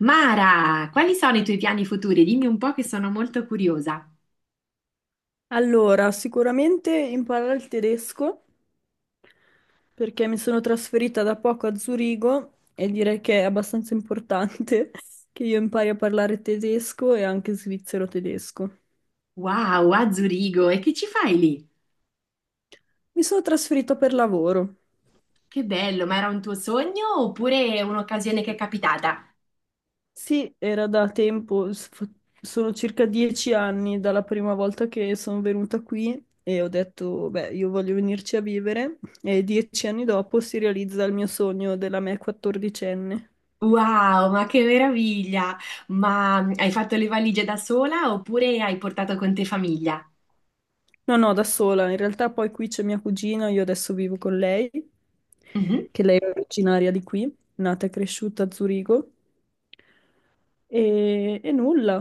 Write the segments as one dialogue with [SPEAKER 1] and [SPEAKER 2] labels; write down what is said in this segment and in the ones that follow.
[SPEAKER 1] Mara, quali sono i tuoi piani futuri? Dimmi un po' che sono molto curiosa.
[SPEAKER 2] Allora, sicuramente imparare il tedesco perché mi sono trasferita da poco a Zurigo e direi che è abbastanza importante che io impari a parlare tedesco e anche svizzero tedesco.
[SPEAKER 1] Wow, a Zurigo, e che ci fai lì?
[SPEAKER 2] Mi sono trasferita per lavoro.
[SPEAKER 1] Che bello, ma era un tuo sogno oppure un'occasione che è capitata?
[SPEAKER 2] Sì, era da tempo, sono circa 10 anni dalla prima volta che sono venuta qui e ho detto, beh, io voglio venirci a vivere e 10 anni dopo si realizza il mio sogno della me quattordicenne.
[SPEAKER 1] Wow, ma che meraviglia! Ma hai fatto le valigie da sola oppure hai portato con te famiglia?
[SPEAKER 2] No, no, da sola. In realtà poi qui c'è mia cugina, io adesso vivo con lei,
[SPEAKER 1] Mhm.
[SPEAKER 2] che lei è originaria di qui, nata e cresciuta a Zurigo. E nulla,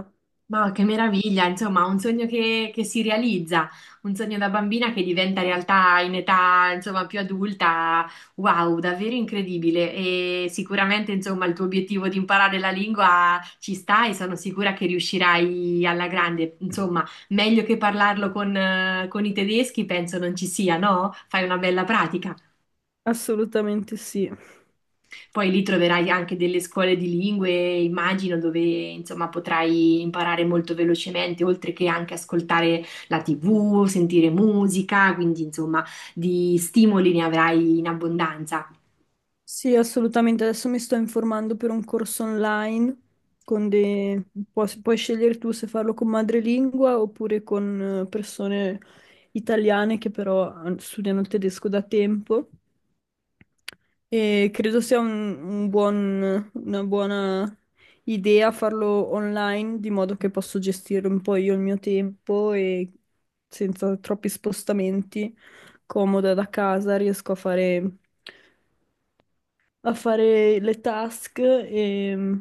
[SPEAKER 1] Ma che meraviglia, insomma, un sogno che si realizza, un sogno da bambina che diventa realtà in età, insomma, più adulta. Wow, davvero incredibile. E sicuramente, insomma, il tuo obiettivo di imparare la lingua ci sta e sono sicura che riuscirai alla grande. Insomma, meglio che parlarlo con i tedeschi, penso non ci sia, no? Fai una bella pratica.
[SPEAKER 2] assolutamente sì.
[SPEAKER 1] Poi lì troverai anche delle scuole di lingue, immagino, dove insomma potrai imparare molto velocemente, oltre che anche ascoltare la TV, sentire musica, quindi insomma di stimoli ne avrai in abbondanza.
[SPEAKER 2] Sì, assolutamente. Adesso mi sto informando per un corso online con dei... puoi scegliere tu se farlo con madrelingua oppure con persone italiane che però studiano il tedesco da tempo. E credo sia una buona idea farlo online, di modo che posso gestire un po' io il mio tempo e senza troppi spostamenti, comoda da casa, riesco a fare le task e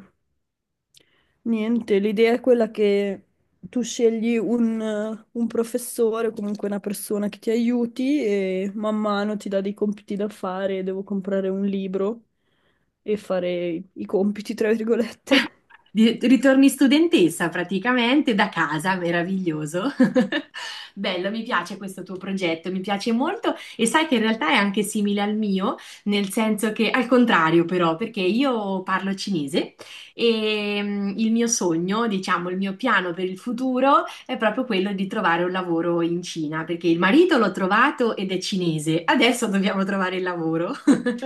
[SPEAKER 2] niente, l'idea è quella che tu scegli un professore, comunque una persona che ti aiuti e man mano ti dà dei compiti da fare, devo comprare un libro e fare i compiti, tra virgolette.
[SPEAKER 1] Ritorni studentessa praticamente da casa, meraviglioso. Bello, mi piace questo tuo progetto, mi piace molto e sai che in realtà è anche simile al mio, nel senso che al contrario però, perché io parlo cinese e il mio sogno, diciamo, il mio piano per il futuro è proprio quello di trovare un lavoro in Cina, perché il marito l'ho trovato ed è cinese, adesso dobbiamo trovare il lavoro.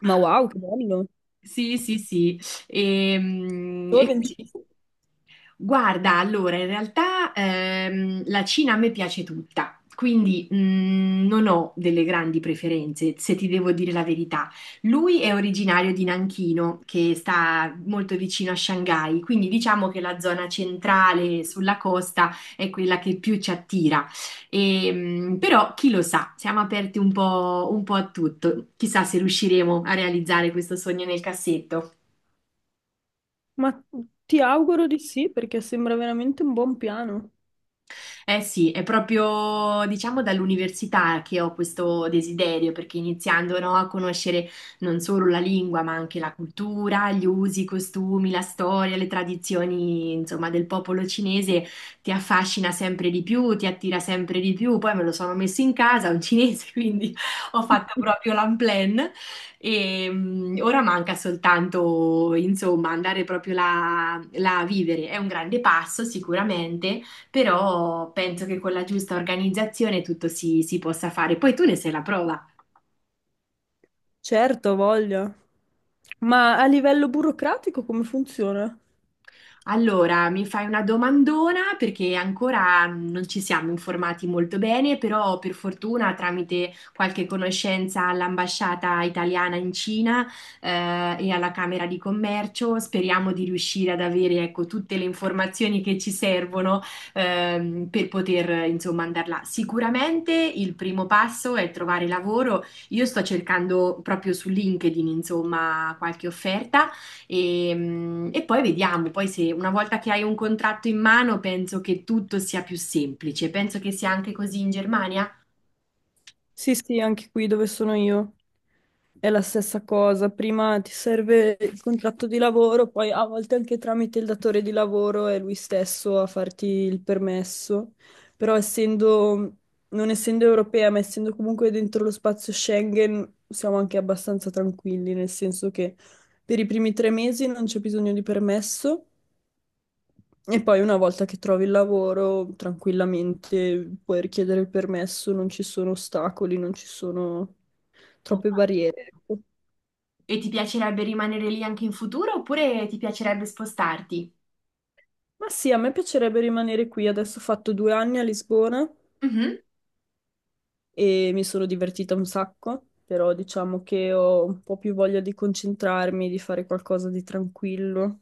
[SPEAKER 2] Ma wow, che bello!
[SPEAKER 1] Sì, sì, sì. E, mm,
[SPEAKER 2] Tu hai
[SPEAKER 1] e quindi.
[SPEAKER 2] vincito.
[SPEAKER 1] Guarda, allora, in realtà la Cina a me piace tutta, quindi non ho delle grandi preferenze, se ti devo dire la verità. Lui è originario di Nanchino, che sta molto vicino a Shanghai, quindi diciamo che la zona centrale sulla costa è quella che più ci attira. E, però chi lo sa, siamo aperti un po' a tutto. Chissà se riusciremo a realizzare questo sogno nel cassetto.
[SPEAKER 2] Ma ti auguro di sì, perché sembra veramente un buon piano.
[SPEAKER 1] Eh sì, è proprio diciamo dall'università che ho questo desiderio, perché iniziando no, a conoscere non solo la lingua, ma anche la cultura, gli usi, i costumi, la storia, le tradizioni, insomma, del popolo cinese ti affascina sempre di più, ti attira sempre di più. Poi me lo sono messo in casa, un cinese, quindi ho fatto proprio l'unplan e ora manca soltanto, insomma, andare proprio là là a vivere. È un grande passo sicuramente, però penso che con la giusta organizzazione tutto si possa fare. Poi tu ne sei la prova.
[SPEAKER 2] Certo, ha voglia. Ma a livello burocratico come funziona?
[SPEAKER 1] Allora, mi fai una domandona perché ancora non ci siamo informati molto bene, però per fortuna tramite qualche conoscenza all'ambasciata italiana in Cina e alla Camera di Commercio speriamo di riuscire ad avere, ecco, tutte le informazioni che ci servono, per poter, insomma, andare là. Sicuramente il primo passo è trovare lavoro. Io sto cercando proprio su LinkedIn insomma qualche offerta. E poi vediamo, poi se una volta che hai un contratto in mano penso che tutto sia più semplice, penso che sia anche così in Germania.
[SPEAKER 2] Sì, sì, anche qui dove sono io è la stessa cosa. Prima ti serve il contratto di lavoro, poi a volte anche tramite il datore di lavoro è lui stesso a farti il permesso. Però essendo, non essendo europea, ma essendo comunque dentro lo spazio Schengen, siamo anche abbastanza tranquilli, nel senso che per i primi 3 mesi non c'è bisogno di permesso. E poi una volta che trovi il lavoro, tranquillamente puoi richiedere il permesso, non ci sono ostacoli, non ci sono
[SPEAKER 1] Ok.
[SPEAKER 2] troppe barriere, ecco.
[SPEAKER 1] E ti piacerebbe rimanere lì anche in futuro oppure ti piacerebbe spostarti?
[SPEAKER 2] Ma sì, a me piacerebbe rimanere qui. Adesso ho fatto 2 anni a Lisbona e mi sono divertita un sacco, però diciamo che ho un po' più voglia di concentrarmi, di fare qualcosa di tranquillo.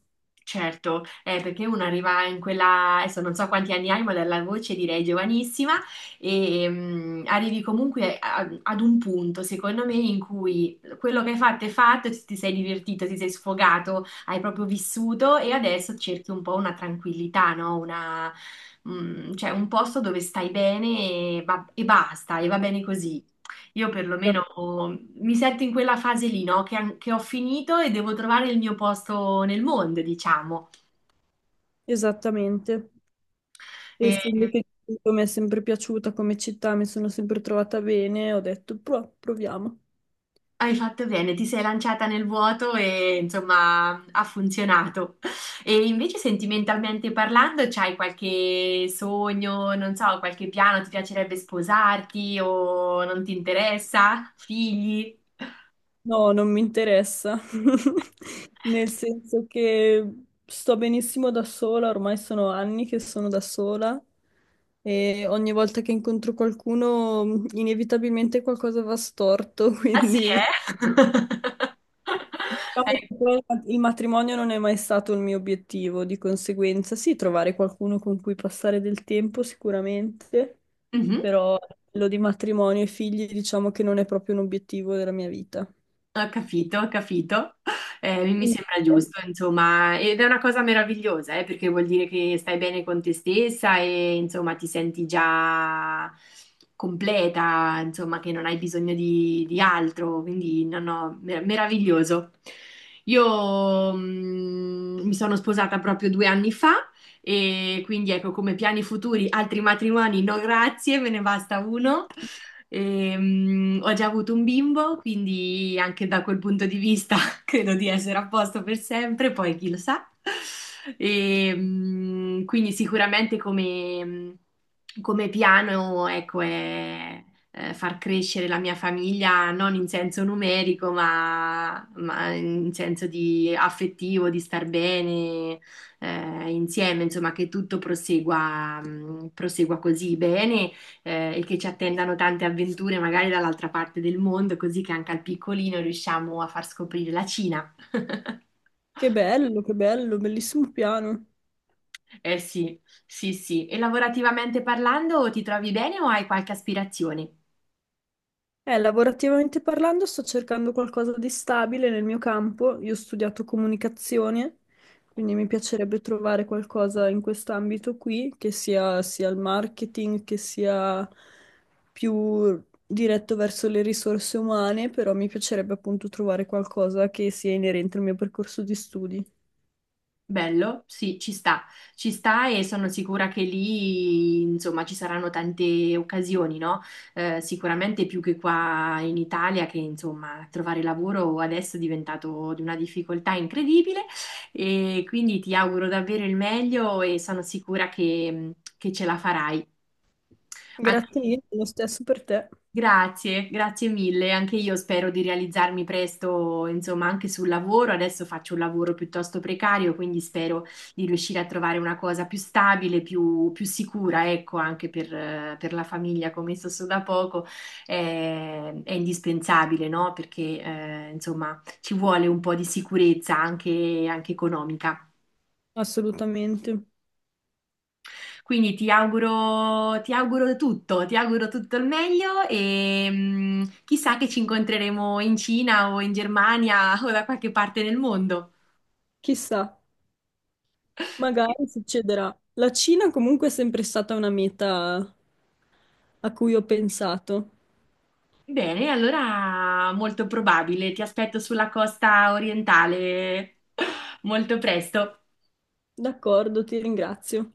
[SPEAKER 1] Certo, perché uno arriva in quella, adesso non so quanti anni hai, ma dalla voce direi giovanissima, e arrivi comunque ad un punto, secondo me, in cui quello che hai fatto è fatto, ti sei divertito, ti sei sfogato, hai proprio vissuto e adesso cerchi un po' una tranquillità, no? Una, cioè un posto dove stai bene e, e basta, e va bene così. Io perlomeno,
[SPEAKER 2] Esat-
[SPEAKER 1] oh, mi sento in quella fase lì, no? Che, che ho finito e devo trovare il mio posto nel mondo, diciamo.
[SPEAKER 2] Esattamente.
[SPEAKER 1] E
[SPEAKER 2] Essendo che mi è sempre piaciuta come città, mi sono sempre trovata bene, ho detto: Proviamo".
[SPEAKER 1] hai fatto bene, ti sei lanciata nel vuoto e insomma ha funzionato. E invece sentimentalmente parlando, c'hai qualche sogno, non so, qualche piano, ti piacerebbe sposarti o non ti interessa? Figli?
[SPEAKER 2] No, non mi interessa, nel senso che sto benissimo da sola, ormai sono anni che sono da sola e ogni volta che incontro qualcuno, inevitabilmente qualcosa va storto,
[SPEAKER 1] Ah sì,
[SPEAKER 2] quindi
[SPEAKER 1] eh?
[SPEAKER 2] diciamo
[SPEAKER 1] Eh,
[SPEAKER 2] che poi il matrimonio non è mai stato il mio obiettivo, di conseguenza sì, trovare qualcuno con cui passare del tempo sicuramente,
[SPEAKER 1] mhm.
[SPEAKER 2] però quello di matrimonio e figli diciamo che non è proprio un obiettivo della mia vita.
[SPEAKER 1] Ho capito, ho capito. Mi sembra giusto, insomma, ed è una cosa meravigliosa, perché vuol dire che stai bene con te stessa e insomma ti senti già completa, insomma, che non hai bisogno di altro, quindi no, no, meraviglioso. Io, mi sono sposata proprio due anni fa e quindi ecco come piani futuri, altri matrimoni, no grazie, me ne basta uno. E, ho già avuto un bimbo, quindi anche da quel punto di vista credo di essere a posto per sempre, poi chi lo sa. E, quindi sicuramente come, come piano, ecco, è far crescere la mia famiglia non in senso numerico, ma in senso di affettivo, di star bene, insieme, insomma, che tutto prosegua, prosegua così bene, e che ci attendano tante avventure magari dall'altra parte del mondo, così che anche al piccolino riusciamo a far scoprire la Cina.
[SPEAKER 2] Che bello, bellissimo piano.
[SPEAKER 1] Eh sì, sì, sì. E lavorativamente parlando, ti trovi bene o hai qualche aspirazione?
[SPEAKER 2] Lavorativamente parlando, sto cercando qualcosa di stabile nel mio campo. Io ho studiato comunicazione, quindi mi piacerebbe trovare qualcosa in quest'ambito qui, che sia, sia il marketing, che sia più diretto verso le risorse umane, però mi piacerebbe appunto trovare qualcosa che sia inerente al mio percorso di studi.
[SPEAKER 1] Bello, sì, ci sta e sono sicura che lì, insomma, ci saranno tante occasioni, no? Sicuramente più che qua in Italia, che insomma, trovare lavoro adesso è diventato di una difficoltà incredibile, e quindi ti auguro davvero il meglio e sono sicura che ce la farai.
[SPEAKER 2] Grazie
[SPEAKER 1] Anche.
[SPEAKER 2] mille, lo stesso per te,
[SPEAKER 1] Grazie, grazie mille. Anche io spero di realizzarmi presto, insomma, anche sul lavoro. Adesso faccio un lavoro piuttosto precario, quindi spero di riuscire a trovare una cosa più stabile, più, più sicura, ecco, anche per la famiglia, come so da poco, è indispensabile, no? Perché, insomma, ci vuole un po' di sicurezza anche economica.
[SPEAKER 2] assolutamente.
[SPEAKER 1] Quindi ti auguro tutto il meglio e chissà che ci incontreremo in Cina o in Germania o da qualche parte nel mondo.
[SPEAKER 2] Chissà. Magari succederà. La Cina comunque è sempre stata una meta a cui ho pensato.
[SPEAKER 1] Bene, allora molto probabile, ti aspetto sulla costa orientale molto presto.
[SPEAKER 2] D'accordo, ti ringrazio.